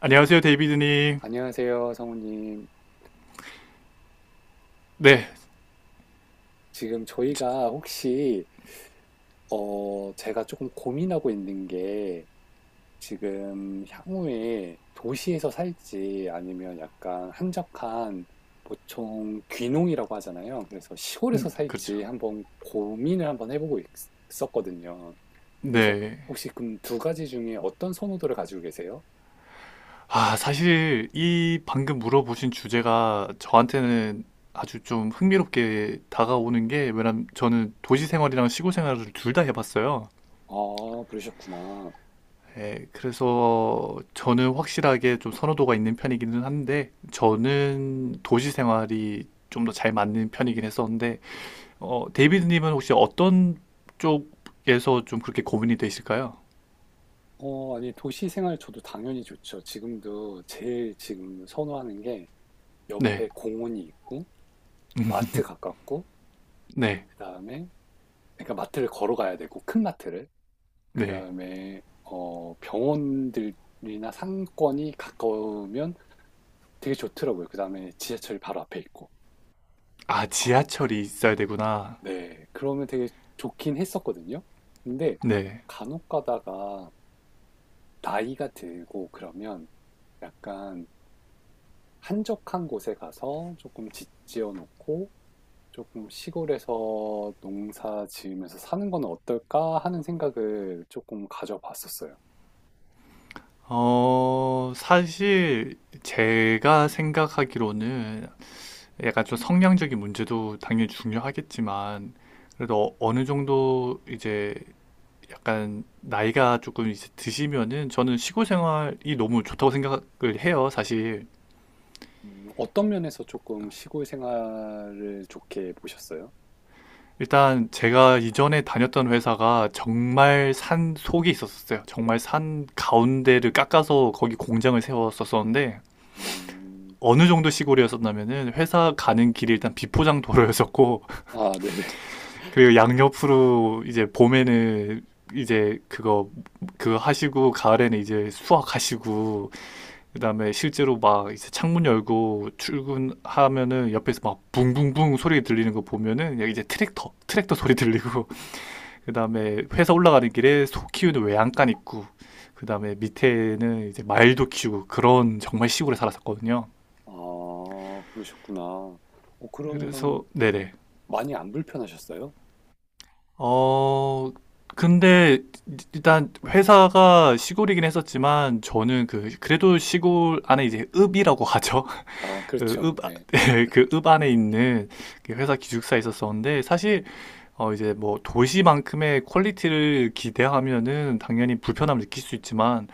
안녕하세요, 데이비드님. 안녕하세요, 성우님. 네, 지금 지- 저희가 혹시, 제가 조금 고민하고 있는 게, 지금 향후에 도시에서 살지, 아니면 약간 한적한, 보통 귀농이라고 하잖아요. 그래서 시골에서 그렇죠. 살지 한번 고민을 한번 해보고 있었거든요. 그래서 네. 혹시 그럼 두 가지 중에 어떤 선호도를 가지고 계세요? 아, 사실 이 방금 물어보신 주제가 저한테는 아주 좀 흥미롭게 다가오는 게, 왜냐면 저는 도시 생활이랑 시골 생활을 둘 다 해봤어요. 아, 그러셨구나. 예, 그래서 저는 확실하게 좀 선호도가 있는 편이기는 한데, 저는 도시 생활이 좀 더 잘 맞는 편이긴 했었는데, 데이비드님은 혹시 어떤 쪽에서 좀 그렇게 고민이 되실까요? 아니, 도시 생활 저도 당연히 좋죠. 지금도 제일 지금 선호하는 게, 네, 옆에 공원이 있고 마트 가깝고, 네, 그다음에 그러니까 마트를 걸어가야 되고 큰 마트를, 네. 그다음에 병원들이나 상권이 가까우면 되게 좋더라고요. 그다음에 지하철이 바로 앞에 있고. 아, 아, 지하철이 있어야 되구나. 네. 그러면 되게 좋긴 했었거든요. 근데 네. 간혹 가다가 나이가 들고 그러면 약간 한적한 곳에 가서 조금 집 지어 놓고 '조금 시골에서 농사 지으면서 사는 건 어떨까?' 하는 생각을 조금 가져봤었어요. 사실 제가 생각하기로는 약간 좀 성량적인 문제도 당연히 중요하겠지만 그래도 어느 정도 이제 약간 나이가 조금 이제 드시면은 저는 시골 생활이 너무 좋다고 생각을 해요, 사실. 음. 어떤 면에서 조금 시골 생활을 좋게 보셨어요? 일단 제가 이전에 다녔던 회사가 정말 산 속에 있었어요. 정말 산 가운데를 깎아서 거기 공장을 세웠었었는데 음. 어느 정도 시골이었었냐면은 회사 가는 길이 일단 비포장 도로였었고 아, 네네. 그리고 양옆으로 이제 봄에는 이제 그거 하시고 가을에는 이제 수확하시고 그다음에 실제로 막 이제 창문 열고 출근하면은 옆에서 막 붕붕붕 소리 들리는 거 보면은 이제 트랙터 소리 들리고 그다음에 회사 올라가는 길에 소 키우는 외양간 있고 그다음에 밑에는 이제 말도 키우고 그런 정말 시골에 살았었거든요. 아, 그러셨구나. 그래서 그러면 네네. 많이 안 불편하셨어요? 어, 근데 일단 회사가 시골이긴 했었지만 저는 그래도 시골 안에 이제 읍이라고 하죠. 아, 그 읍, 그렇죠. 네. 그 읍 안에 있는 그 회사 기숙사에 있었었는데 사실 이제 뭐 도시만큼의 퀄리티를 기대하면은 당연히 불편함을 느낄 수 있지만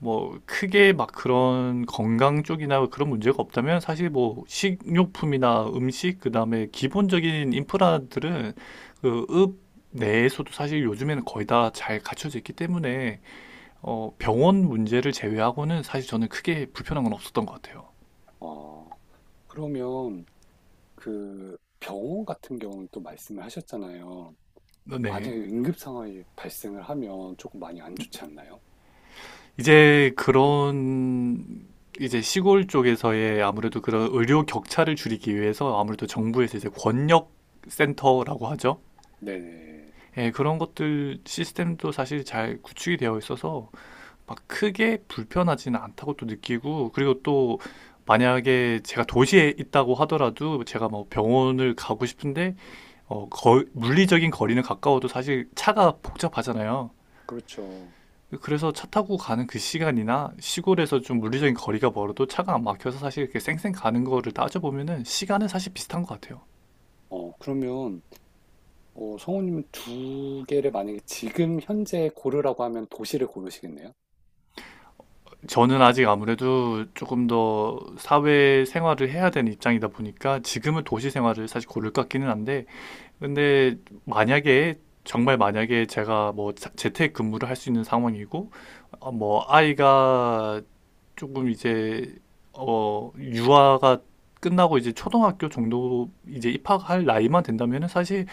뭐 크게 막 그런 건강 쪽이나 그런 문제가 없다면 사실 뭐 식료품이나 음식 그다음에 기본적인 인프라들은 그읍 내에서도 사실 요즘에는 거의 다 잘 갖춰져 있기 때문에 병원 문제를 제외하고는 사실 저는 크게 불편한 건 없었던 것 같아요. 아, 그러면 그 병원 같은 경우는 또 말씀을 하셨잖아요. 어, 만약에 네. 응급 상황이 발생을 하면 조금 많이 안 좋지 않나요? 이제 그런 이제 시골 쪽에서의 아무래도 그런 의료 격차를 줄이기 위해서 아무래도 정부에서 이제 권역 센터라고 하죠. 네네. 예, 그런 것들 시스템도 사실 잘 구축이 되어 있어서 막 크게 불편하지는 않다고 또 느끼고 그리고 또 만약에 제가 도시에 있다고 하더라도 제가 뭐 병원을 가고 싶은데 물리적인 거리는 가까워도 사실 차가 복잡하잖아요. 그렇죠. 그래서 차 타고 가는 그 시간이나 시골에서 좀 물리적인 거리가 멀어도 차가 안 막혀서 사실 이렇게 쌩쌩 가는 거를 따져보면은 시간은 사실 비슷한 것 같아요. 그러면, 성우님은 두 개를 만약에 지금 현재 고르라고 하면 도시를 고르시겠네요? 저는 아직 아무래도 조금 더 사회 생활을 해야 되는 입장이다 보니까 지금은 도시 생활을 사실 고를 것 같기는 한데, 근데 만약에, 정말 만약에 제가 뭐 재택 근무를 할 수 있는 상황이고, 뭐 아이가 조금 이제, 유아가 끝나고 이제 초등학교 정도 이제 입학할 나이만 된다면은 사실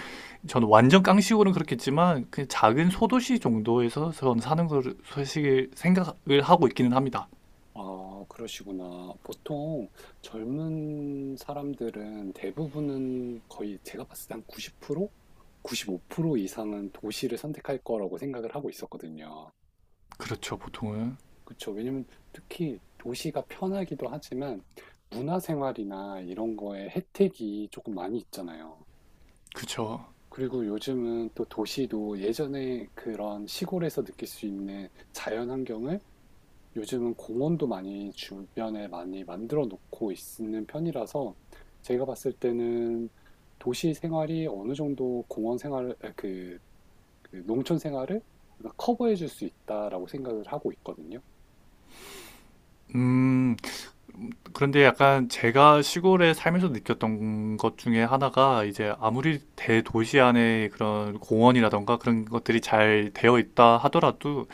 저는 완전 깡식으로는 그렇겠지만, 그냥 작은 소도시 정도에서 저는 사는 걸 사실 생각을 하고 있기는 합니다. 아, 그러시구나. 보통 젊은 사람들은 대부분은 거의 제가 봤을 때 한 90%? 95% 이상은 도시를 선택할 거라고 생각을 하고 있었거든요. 그렇죠, 보통은. 그쵸. 왜냐면 특히 도시가 편하기도 하지만 문화생활이나 이런 거에 혜택이 조금 많이 있잖아요. 그쵸. 그리고 요즘은 또 도시도 예전에 그런 시골에서 느낄 수 있는 자연 환경을, 요즘은 공원도 많이 주변에 많이 만들어 놓고 있는 편이라서, 제가 봤을 때는 도시 생활이 어느 정도 공원 생활 그 농촌 생활을 커버해 줄 수 있다라고 생각을 하고 있거든요. 음, 그런데 약간 제가 시골에 살면서 느꼈던 것 중에 하나가 이제 아무리 대도시 안에 그런 공원이라던가 그런 것들이 잘 되어 있다 하더라도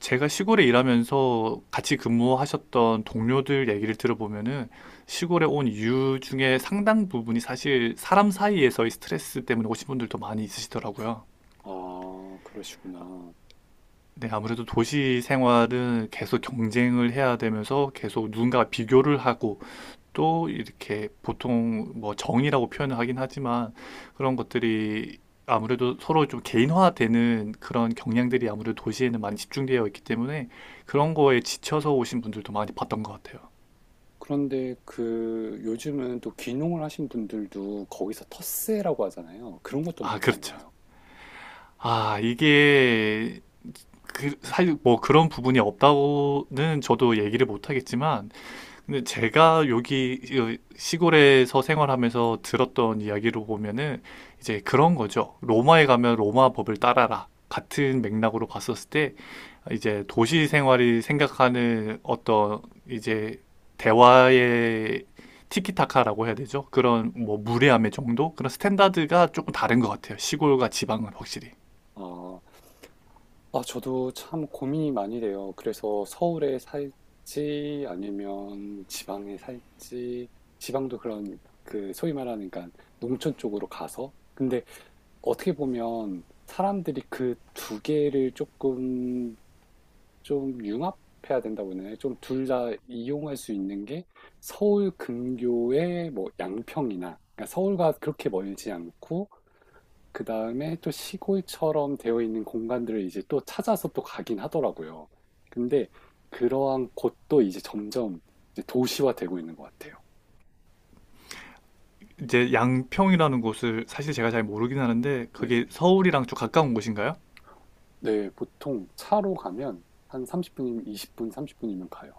제가 시골에 일하면서 같이 근무하셨던 동료들 얘기를 들어보면은 시골에 온 이유 중에 상당 부분이 사실 사람 사이에서의 스트레스 때문에 오신 분들도 많이 있으시더라고요. 아, 그러시구나. 네, 아무래도 도시 생활은 계속 경쟁을 해야 되면서 계속 누군가와 비교를 하고 또 이렇게 보통 뭐 정이라고 표현을 하긴 하지만 그런 것들이 아무래도 서로 좀 개인화되는 그런 경향들이 아무래도 도시에는 많이 집중되어 있기 때문에 그런 거에 지쳐서 오신 분들도 많이 봤던 것 같아요. 그런데 그 요즘은 또 귀농을 하신 분들도 거기서 텃세라고 하잖아요. 그런 것도 아, 많지 그렇죠. 않나요? 아, 이게 사실 뭐 그런 부분이 없다고는 저도 얘기를 못 하겠지만 근데 제가 여기 시골에서 생활하면서 들었던 이야기로 보면은 이제 그런 거죠. 로마에 가면 로마 법을 따라라. 같은 맥락으로 봤었을 때 이제 도시 생활이 생각하는 어떤 이제 대화의 티키타카라고 해야 되죠. 그런 뭐 무례함의 정도? 그런 스탠다드가 조금 다른 것 같아요. 시골과 지방은 확실히. 아, 아, 저도 참 고민이 많이 돼요. 그래서 서울에 살지 아니면 지방에 살지, 지방도 그런 그 소위 말하는 그러니까 농촌 쪽으로 가서, 근데 어떻게 보면 사람들이 그 두 개를 조금 좀 융합해야 된다고 했나요? 좀 둘 다 이용할 수 있는 게 서울 근교의 뭐 양평이나, 그러니까 서울과 그렇게 멀지 않고 그다음에 또 시골처럼 되어 있는 공간들을 이제 또 찾아서 또 가긴 하더라고요. 근데 그러한 곳도 이제 점점 이제 도시화되고 있는 것 같아요. 이제 양평이라는 곳을 사실 제가 잘 모르긴 하는데 그게 네네. 서울이랑 좀 가까운 곳인가요? 네, 보통 차로 가면 한 30분이면, 20분, 30분이면 가요.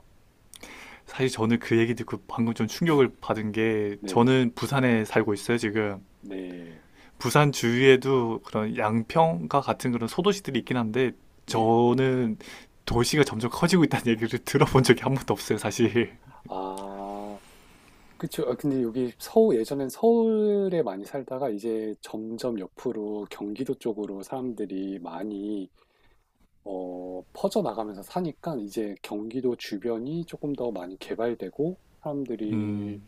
사실 저는 그 얘기 듣고 방금 좀 충격을 받은 게 네네. 저는 부산에 살고 있어요, 지금. 네. 부산 주위에도 그런 양평과 같은 그런 소도시들이 있긴 한데 네. 저는 도시가 점점 커지고 있다는 얘기를 들어본 적이 한 번도 없어요, 사실. 아, 그쵸. 아, 근데 여기 서울, 예전엔 서울에 많이 살다가 이제 점점 옆으로 경기도 쪽으로 사람들이 많이 퍼져나가면서 사니까 이제 경기도 주변이 조금 더 많이 개발되고, 사람들이 음.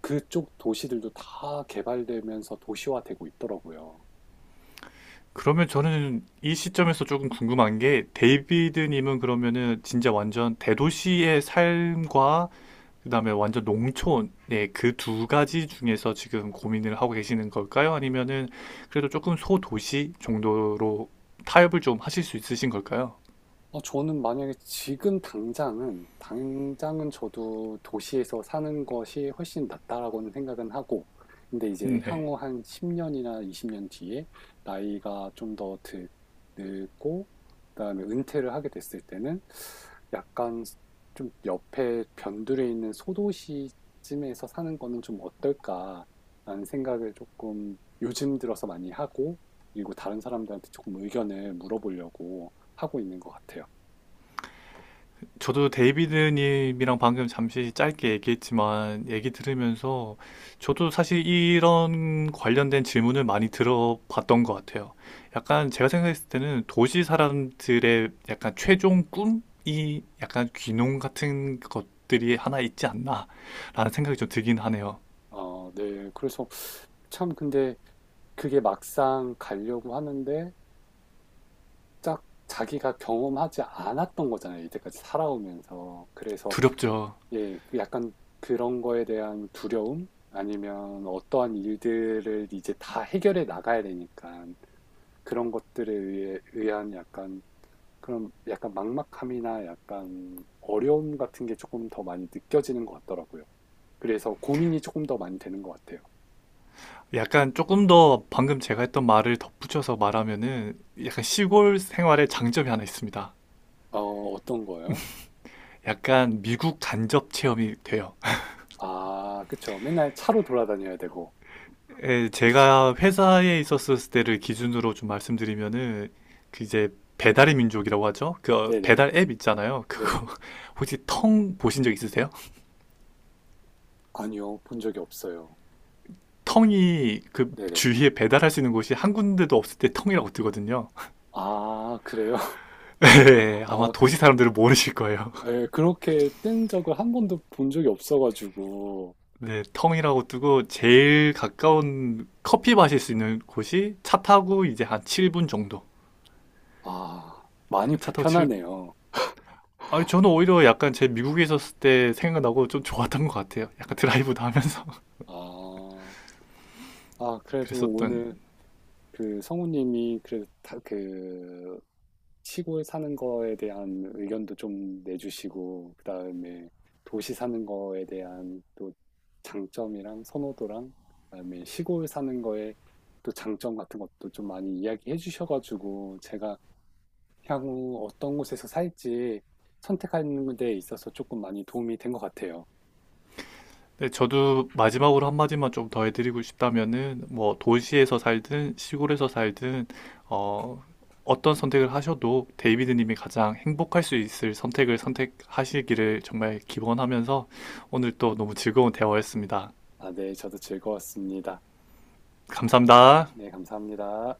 그쪽 도시들도 다 개발되면서 도시화되고 있더라고요. 그러면 저는 이 시점에서 조금 궁금한 게 데이비드님은 그러면은 진짜 완전 대도시의 삶과 그다음에 완전 농촌의 그 두 가지 중에서 지금 고민을 하고 계시는 걸까요? 아니면은 그래도 조금 소도시 정도로 타협을 좀 하실 수 있으신 걸까요? 저는 만약에 지금 당장은, 당장은 저도 도시에서 사는 것이 훨씬 낫다라고는 생각은 하고, 근데 이제 네. 향후 한 10년이나 20년 뒤에 나이가 좀 더 늙고, 그다음에 은퇴를 하게 됐을 때는 약간 좀 옆에 변두리에 있는 소도시쯤에서 사는 거는 좀 어떨까라는 생각을 조금 요즘 들어서 많이 하고, 그리고 다른 사람들한테 조금 의견을 물어보려고 하고 있는 것 같아요. 저도 데이비드님이랑 방금 잠시 짧게 얘기했지만 얘기 들으면서 저도 사실 이런 관련된 질문을 많이 들어봤던 것 같아요. 약간 제가 생각했을 때는 도시 사람들의 약간 최종 꿈이 약간 귀농 같은 것들이 하나 있지 않나라는 생각이 좀 들긴 하네요. 어, 네. 그래서 참, 근데 그게 막상 가려고 하는데 딱 자기가 경험하지 않았던 거잖아요, 이때까지 살아오면서. 그래서 두렵죠. 예, 그 약간 그런 거에 대한 두려움, 아니면 어떠한 일들을 이제 다 해결해 나가야 되니까 그런 것들에 의해, 의한 약간 그런 약간 막막함이나 약간 어려움 같은 게 조금 더 많이 느껴지는 것 같더라고요. 그래서 고민이 조금 더 많이 되는 것 같아요. 약간 조금 더 방금 제가 했던 말을 덧붙여서 말하면은 약간 시골 생활의 장점이 하나 있습니다. 어, 어떤 거요? 약간 미국 간접 체험이 돼요. 아, 그쵸. 맨날 차로 돌아다녀야 되고. 예, 그치. 제가 회사에 있었을 때를 기준으로 좀 말씀드리면은 그 이제 배달의 민족이라고 하죠. 그 네네. 배달 앱 있잖아요. 네. 그거 혹시 텅 보신 적 있으세요? 아니요. 본 적이 없어요. 텅이 그 네네. 주위에 배달할 수 있는 곳이 한 군데도 없을 때 텅이라고 뜨거든요. 아, 그래요? 예, 아마 아, 그, 도시 사람들은 모르실 거예요. 예, 그렇게 뜬 적을 한 번도 본 적이 없어가지고. 네, 텅이라고 뜨고 제일 가까운 커피 마실 수 있는 곳이 차 타고 이제 한 7분 정도. 아, 많이 차 타고 칠 불편하네요. 아니, 저는 오히려 약간 제 미국에 있었을 때 생각나고 좀 좋았던 것 같아요. 약간 드라이브도 하면서 아, 아, 그래도 그랬었던. 오늘 그 성우님이 그래도 다, 그 시골 사는 거에 대한 의견도 좀 내주시고, 그다음에 도시 사는 거에 대한 또 장점이랑 선호도랑, 그다음에 시골 사는 거에 또 장점 같은 것도 좀 많이 이야기해 주셔가지고, 제가 향후 어떤 곳에서 살지 선택하는 데 있어서 조금 많이 도움이 된 것 같아요. 네, 저도 마지막으로 한마디만 좀 더 해드리고 싶다면은, 뭐, 도시에서 살든 시골에서 살든, 어, 어떤 선택을 하셔도 데이비드님이 가장 행복할 수 있을 선택을 선택하시기를 정말 기원하면서 오늘 또 너무 즐거운 대화였습니다. 아, 네, 저도 즐거웠습니다. 감사합니다. 네, 감사합니다.